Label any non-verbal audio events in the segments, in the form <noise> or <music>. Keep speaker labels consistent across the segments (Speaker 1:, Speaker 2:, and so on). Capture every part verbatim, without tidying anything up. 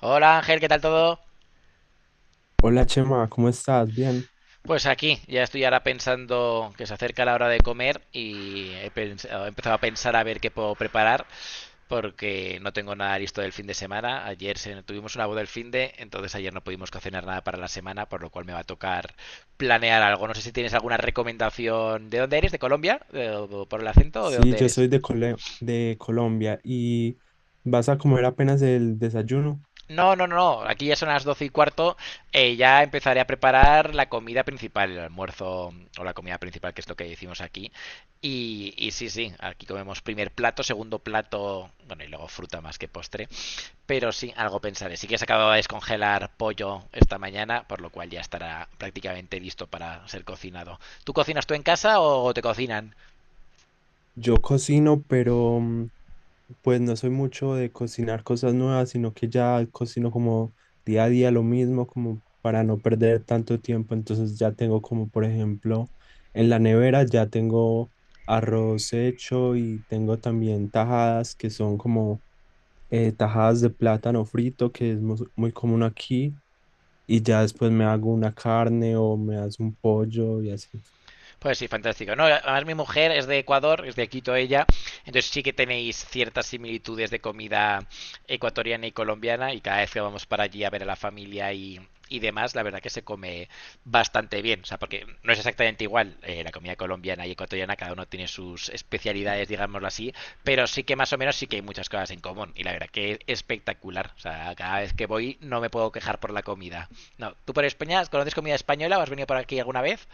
Speaker 1: Hola Ángel, ¿qué tal todo?
Speaker 2: Hola Chema, ¿cómo estás? Bien.
Speaker 1: Pues aquí, ya estoy ahora pensando que se acerca la hora de comer y he, pens- he empezado a pensar a ver qué puedo preparar porque no tengo nada listo del fin de semana. Ayer se- tuvimos una boda el fin de, entonces ayer no pudimos cocinar nada para la semana, por lo cual me va a tocar planear algo. No sé si tienes alguna recomendación. ¿De dónde eres? ¿De Colombia? ¿De- o- ¿Por el acento o de
Speaker 2: Sí,
Speaker 1: dónde
Speaker 2: yo
Speaker 1: eres?
Speaker 2: soy de, Cole- de Colombia y vas a comer apenas el desayuno.
Speaker 1: No, no, no, no. Aquí ya son las doce y cuarto. Eh, ya empezaré a preparar la comida principal, el almuerzo o la comida principal, que es lo que decimos aquí. Y, y sí, sí, aquí comemos primer plato, segundo plato, bueno, y luego fruta más que postre. Pero sí, algo pensaré. Sí que se acababa de descongelar pollo esta mañana, por lo cual ya estará prácticamente listo para ser cocinado. ¿Tú cocinas tú en casa o te cocinan?
Speaker 2: Yo cocino, pero mm, pues no soy mucho de cocinar cosas nuevas, sino que ya cocino como día a día lo mismo, como para no perder tanto tiempo. Entonces ya tengo como, por ejemplo, en la nevera ya tengo arroz hecho y tengo también tajadas que son como eh, tajadas de plátano frito, que es mu- muy común aquí. Y ya después me hago una carne o me hago un pollo y así.
Speaker 1: Pues sí, fantástico. No, además mi mujer es de Ecuador, es de Quito ella, entonces sí que tenéis ciertas similitudes de comida ecuatoriana y colombiana y cada vez que vamos para allí a ver a la familia y, y demás, la verdad que se come bastante bien, o sea, porque no es exactamente igual eh, la comida colombiana y ecuatoriana, cada uno tiene sus especialidades, digámoslo así, pero sí que más o menos sí que hay muchas cosas en común y la verdad que es espectacular, o sea, cada vez que voy no me puedo quejar por la comida. No, ¿tú por España conoces comida española o has venido por aquí alguna vez?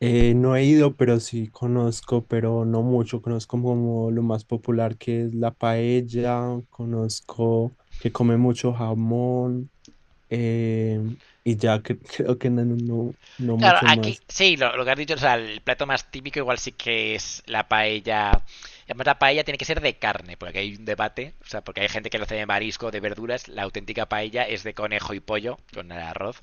Speaker 2: Eh, no he ido, pero sí conozco, pero no mucho. Conozco como lo más popular que es la paella, conozco que come mucho jamón eh, y ya que, <laughs> creo que no, no, no
Speaker 1: Claro,
Speaker 2: mucho
Speaker 1: aquí
Speaker 2: más.
Speaker 1: sí, lo, lo que has dicho, o sea, el plato más típico igual sí que es la paella. Y además, la paella tiene que ser de carne, porque aquí hay un debate, o sea, porque hay gente que lo hace de marisco, de verduras, la auténtica paella es de conejo y pollo, con el arroz.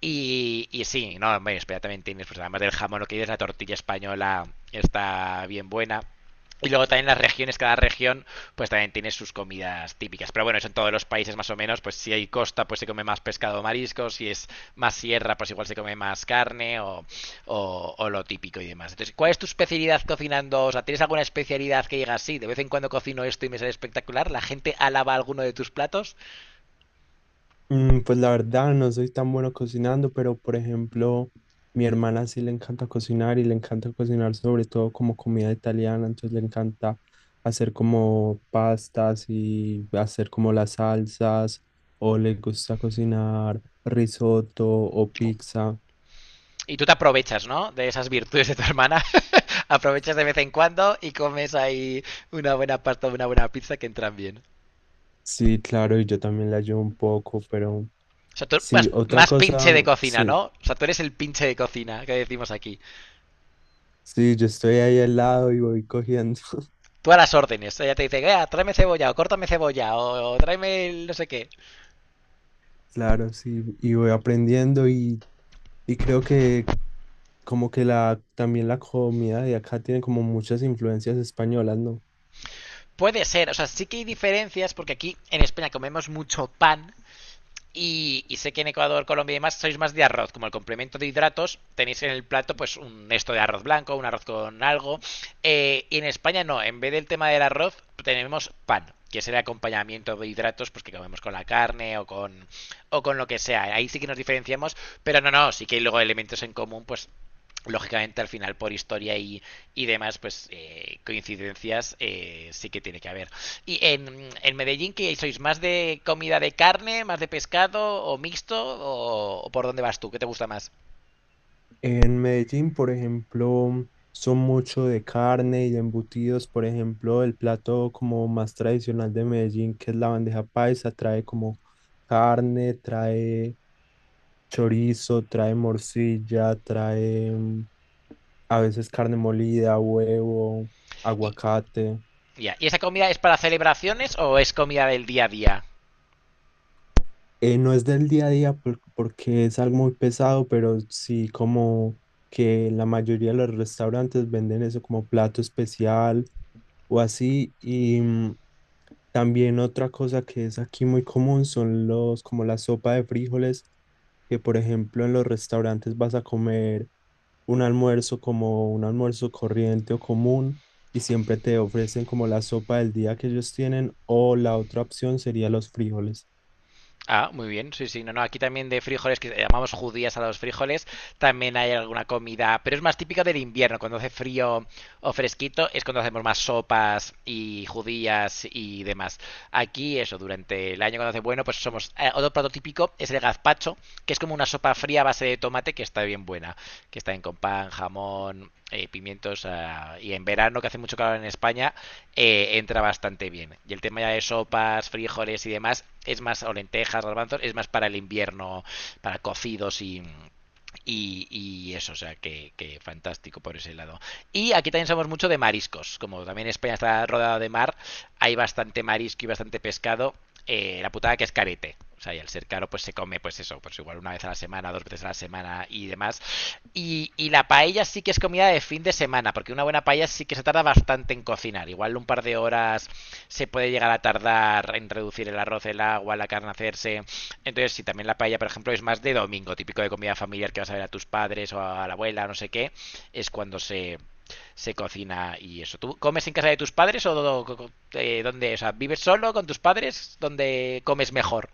Speaker 1: Y, y sí, no, bueno, espera, también tienes, pues además del jamón, lo que dices, la tortilla española está bien buena. Y luego también las regiones, cada región pues también tiene sus comidas típicas. Pero bueno, eso en todos los países más o menos, pues si hay costa pues se come más pescado o marisco, si es más sierra pues igual se come más carne o, o, o lo típico y demás. Entonces, ¿cuál es tu especialidad cocinando? O sea, ¿tienes alguna especialidad que digas, sí, de vez en cuando cocino esto y me sale espectacular? ¿La gente alaba alguno de tus platos?
Speaker 2: Mm, Pues la verdad no soy tan bueno cocinando, pero por ejemplo, mi hermana sí le encanta cocinar y le encanta cocinar sobre todo como comida italiana, entonces le encanta hacer como pastas y hacer como las salsas, o le gusta cocinar risotto o pizza.
Speaker 1: Y tú te aprovechas, ¿no? De esas virtudes de tu hermana. <laughs> Aprovechas de vez en cuando y comes ahí una buena pasta o una buena pizza que entran bien.
Speaker 2: Sí, claro, y yo también le ayudo un poco, pero
Speaker 1: O sea, tú más,
Speaker 2: sí, otra
Speaker 1: más pinche de
Speaker 2: cosa,
Speaker 1: cocina,
Speaker 2: sí,
Speaker 1: ¿no? O sea, tú eres el pinche de cocina que decimos aquí.
Speaker 2: sí, yo estoy ahí al lado y voy cogiendo. <laughs>
Speaker 1: Tú a las órdenes. Ella te dice, "Vea, tráeme cebolla, o córtame cebolla, o, o tráeme el no sé qué".
Speaker 2: Claro, sí, y voy aprendiendo y... Y creo que como que la, también la comida de acá tiene como muchas influencias españolas, ¿no?
Speaker 1: Puede ser, o sea, sí que hay diferencias porque aquí en España comemos mucho pan. Y, y, sé que en Ecuador, Colombia y demás sois más de arroz. Como el complemento de hidratos, tenéis en el plato pues un esto de arroz blanco, un arroz con algo. Eh, y en España no, en vez del tema del arroz, tenemos pan, que es el acompañamiento de hidratos pues que comemos con la carne o con, o con lo que sea. Ahí sí que nos diferenciamos, pero no, no, sí que hay luego elementos en común, pues lógicamente al final por historia y, y demás, pues eh, coincidencias eh, sí que tiene que haber. Y en, en Medellín, ¿qué sois? ¿Más de comida de carne, más de pescado o mixto? ¿O, o por dónde vas tú? ¿Qué te gusta más?
Speaker 2: En Medellín, por ejemplo, son mucho de carne y de embutidos. Por ejemplo, el plato como más tradicional de Medellín, que es la bandeja paisa, trae como carne, trae chorizo, trae morcilla, trae mm, a veces carne molida, huevo,
Speaker 1: Y,
Speaker 2: aguacate.
Speaker 1: ya, ¿y esa comida es para celebraciones o es comida del día a día?
Speaker 2: Eh, no es del día a día por- porque es algo muy pesado, pero sí como que la mayoría de los restaurantes venden eso como plato especial o así. Y mm, también otra cosa que es aquí muy común son los como la sopa de frijoles, que por ejemplo en los restaurantes vas a comer un almuerzo como un almuerzo corriente o común y siempre te ofrecen como la sopa del día que ellos tienen o la otra opción sería los frijoles.
Speaker 1: Ah, muy bien, sí, sí. No, no, aquí también de frijoles, que llamamos judías a los frijoles, también hay alguna comida, pero es más típica del invierno, cuando hace frío o fresquito, es cuando hacemos más sopas y judías y demás. Aquí, eso, durante el año cuando hace bueno, pues somos... eh, otro plato típico es el gazpacho, que es como una sopa fría a base de tomate que está bien buena, que está bien con pan, jamón, eh, pimientos, ah, y en verano, que hace mucho calor en España, eh, entra bastante bien. Y el tema ya de sopas, frijoles y demás es más, o lentejas, garbanzos, es más para el invierno, para cocidos y, y, y eso, o sea, que, que fantástico por ese lado. Y aquí también somos mucho de mariscos. Como también España está rodeada de mar, hay bastante marisco y bastante pescado. Eh, la putada que es carete. O sea, y al ser caro, pues se come, pues eso, pues igual una vez a la semana, dos veces a la semana y demás. Y, y la paella sí que es comida de fin de semana, porque una buena paella sí que se tarda bastante en cocinar. Igual un par de horas se puede llegar a tardar en reducir el arroz, el agua, la carne hacerse. Entonces, si también la paella, por ejemplo, es más de domingo, típico de comida familiar que vas a ver a tus padres o a la abuela, no sé qué, es cuando se, se cocina y eso. ¿Tú comes en casa de tus padres o eh, dónde? O sea, ¿vives solo con tus padres? ¿Dónde comes mejor?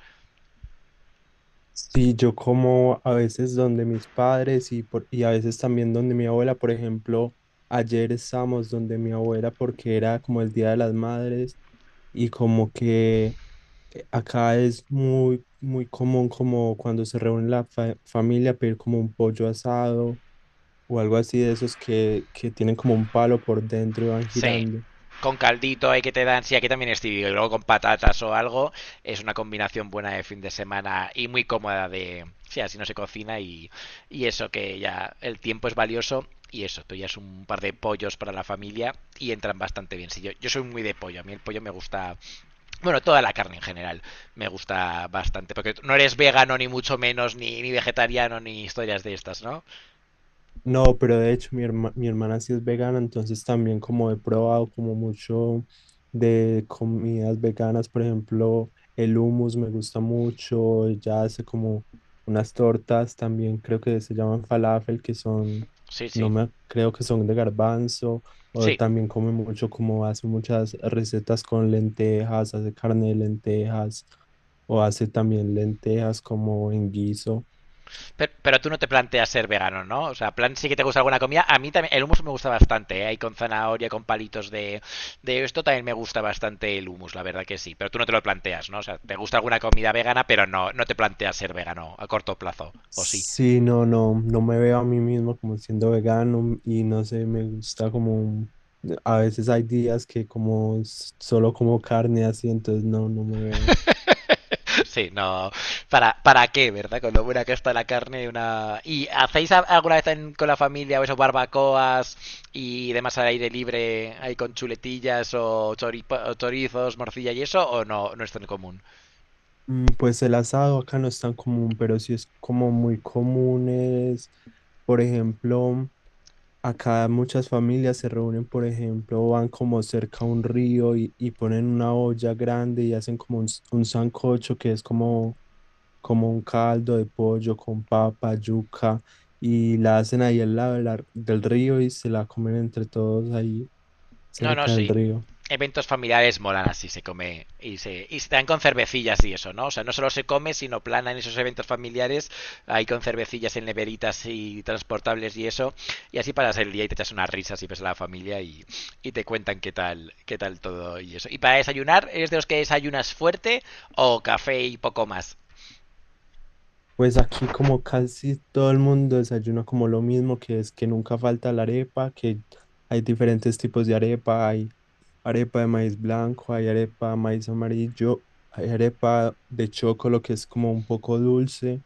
Speaker 2: Sí, yo como a veces donde mis padres y, por, y a veces también donde mi abuela. Por ejemplo, ayer estábamos donde mi abuela porque era como el Día de las Madres y como que eh, acá es muy, muy común como cuando se reúne la fa- familia pedir como un pollo asado o algo así de esos que, que tienen como un palo por dentro y van
Speaker 1: Sí.
Speaker 2: girando.
Speaker 1: Con caldito hay que te dan, sí, aquí también es típico, y luego con patatas o algo, es una combinación buena de fin de semana y muy cómoda de, sí, así no se cocina y, y eso que ya el tiempo es valioso y eso, tú ya es un par de pollos para la familia y entran bastante bien. Sí, yo, yo soy muy de pollo, a mí el pollo me gusta, bueno, toda la carne en general me gusta bastante, porque no eres vegano ni mucho menos, ni, ni vegetariano, ni historias de estas, ¿no?
Speaker 2: No, pero de hecho mi herma- mi hermana sí es vegana, entonces también como he probado como mucho de comidas veganas. Por ejemplo, el hummus me gusta mucho, ella hace como unas tortas también, creo que se llaman falafel, que son,
Speaker 1: Sí,
Speaker 2: no
Speaker 1: sí,
Speaker 2: me creo que son de garbanzo, o
Speaker 1: sí.
Speaker 2: también come mucho, como hace muchas recetas con lentejas, hace carne de lentejas, o hace también lentejas como en guiso.
Speaker 1: Pero, pero tú no te planteas ser vegano, ¿no? O sea, plan sí que te gusta alguna comida. A mí también el hummus me gusta bastante, ¿eh? Ahí con zanahoria, con palitos de, de esto también me gusta bastante el hummus, la verdad que sí. Pero tú no te lo planteas, ¿no? O sea, te gusta alguna comida vegana, pero no, no te planteas ser vegano a corto plazo, ¿o sí?
Speaker 2: Sí, no, no, no me veo a mí mismo como siendo vegano y no sé, me gusta como, a veces hay días que como s- solo como carne así, entonces no, no me veo.
Speaker 1: <laughs> Sí, no. ¿Para, para qué, verdad? Con lo buena que está la carne, una. ¿Y hacéis a- alguna vez en- con la familia o eso, barbacoas y demás al aire libre, ahí con chuletillas o, choripo- o chorizos, morcilla y eso, o no, no es tan común?
Speaker 2: Mm, Pues el asado acá no es tan común, pero sí es como muy común es, por ejemplo, acá muchas familias se reúnen. Por ejemplo, van como cerca a un río y, y ponen una olla grande y hacen como un, s- un sancocho que es como como un caldo de pollo con papa, yuca, y la hacen ahí al lado de la- del río y se la comen entre todos ahí
Speaker 1: No, no,
Speaker 2: cerca del
Speaker 1: sí.
Speaker 2: río.
Speaker 1: Eventos familiares molan así, se come y se, y se dan con cervecillas y eso, ¿no? O sea, no solo se come, sino plana en esos eventos familiares, ahí con cervecillas en neveritas y transportables y eso, y así pasas el día y te echas unas risas y ves a la familia y, y te cuentan qué tal, qué tal todo y eso. ¿Y para desayunar, eres de los que desayunas fuerte o café y poco más?
Speaker 2: Pues aquí como casi todo el mundo desayuna como lo mismo, que es que nunca falta la arepa. Que hay diferentes tipos de arepa, hay arepa de maíz blanco, hay arepa de maíz amarillo, hay arepa de chocolate que es como un poco dulce.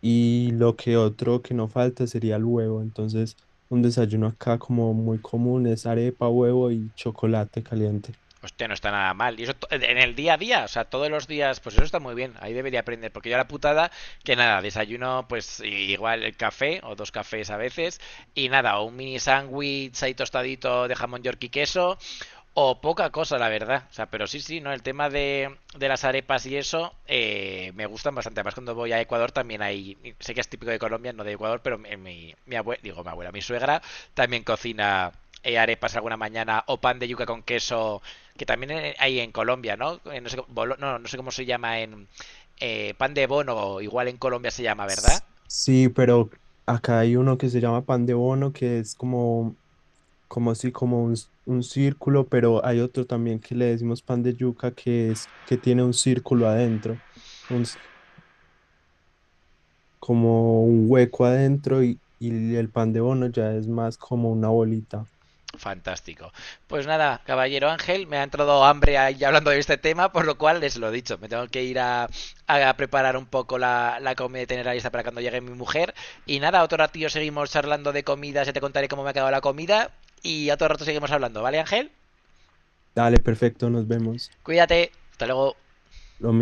Speaker 2: Y lo que otro que no falta sería el huevo. Entonces, un desayuno acá como muy común es arepa, huevo y chocolate caliente.
Speaker 1: Hostia, no está nada mal. Y eso en el día a día, o sea, todos los días, pues eso está muy bien. Ahí debería aprender, porque yo la putada, que nada, desayuno, pues igual el café o dos cafés a veces, y nada, o un mini sándwich ahí tostadito de jamón york y queso, o poca cosa, la verdad. O sea, pero sí, sí, ¿no? El tema de, de las arepas y eso eh, me gustan bastante. Además, cuando voy a Ecuador también hay, sé que es típico de Colombia, no de Ecuador, pero mi, mi, abuela, digo mi abuela, mi suegra también cocina eh, arepas alguna mañana o pan de yuca con queso que también eh, hay en Colombia, ¿no? Eh, No sé, no, no sé cómo se llama en eh, pan de bono, igual en Colombia se llama, ¿verdad?
Speaker 2: S- Sí, pero acá hay uno que se llama pan de bono, que es como, como así, como un, s- un círculo, pero hay otro también que le decimos pan de yuca, que es que tiene un círculo adentro. Como un hueco adentro y, y el pan de bono ya es más como una bolita.
Speaker 1: Fantástico. Pues nada, caballero Ángel, me ha entrado hambre ahí hablando de este tema, por lo cual les lo he dicho, me tengo que ir a, a preparar un poco la, la comida y tenerla lista para cuando llegue mi mujer. Y nada, otro ratillo seguimos charlando de comida, ya te contaré cómo me ha quedado la comida y otro rato seguimos hablando, ¿vale Ángel?
Speaker 2: Dale, perfecto, nos vemos.
Speaker 1: Cuídate, hasta luego.
Speaker 2: Lo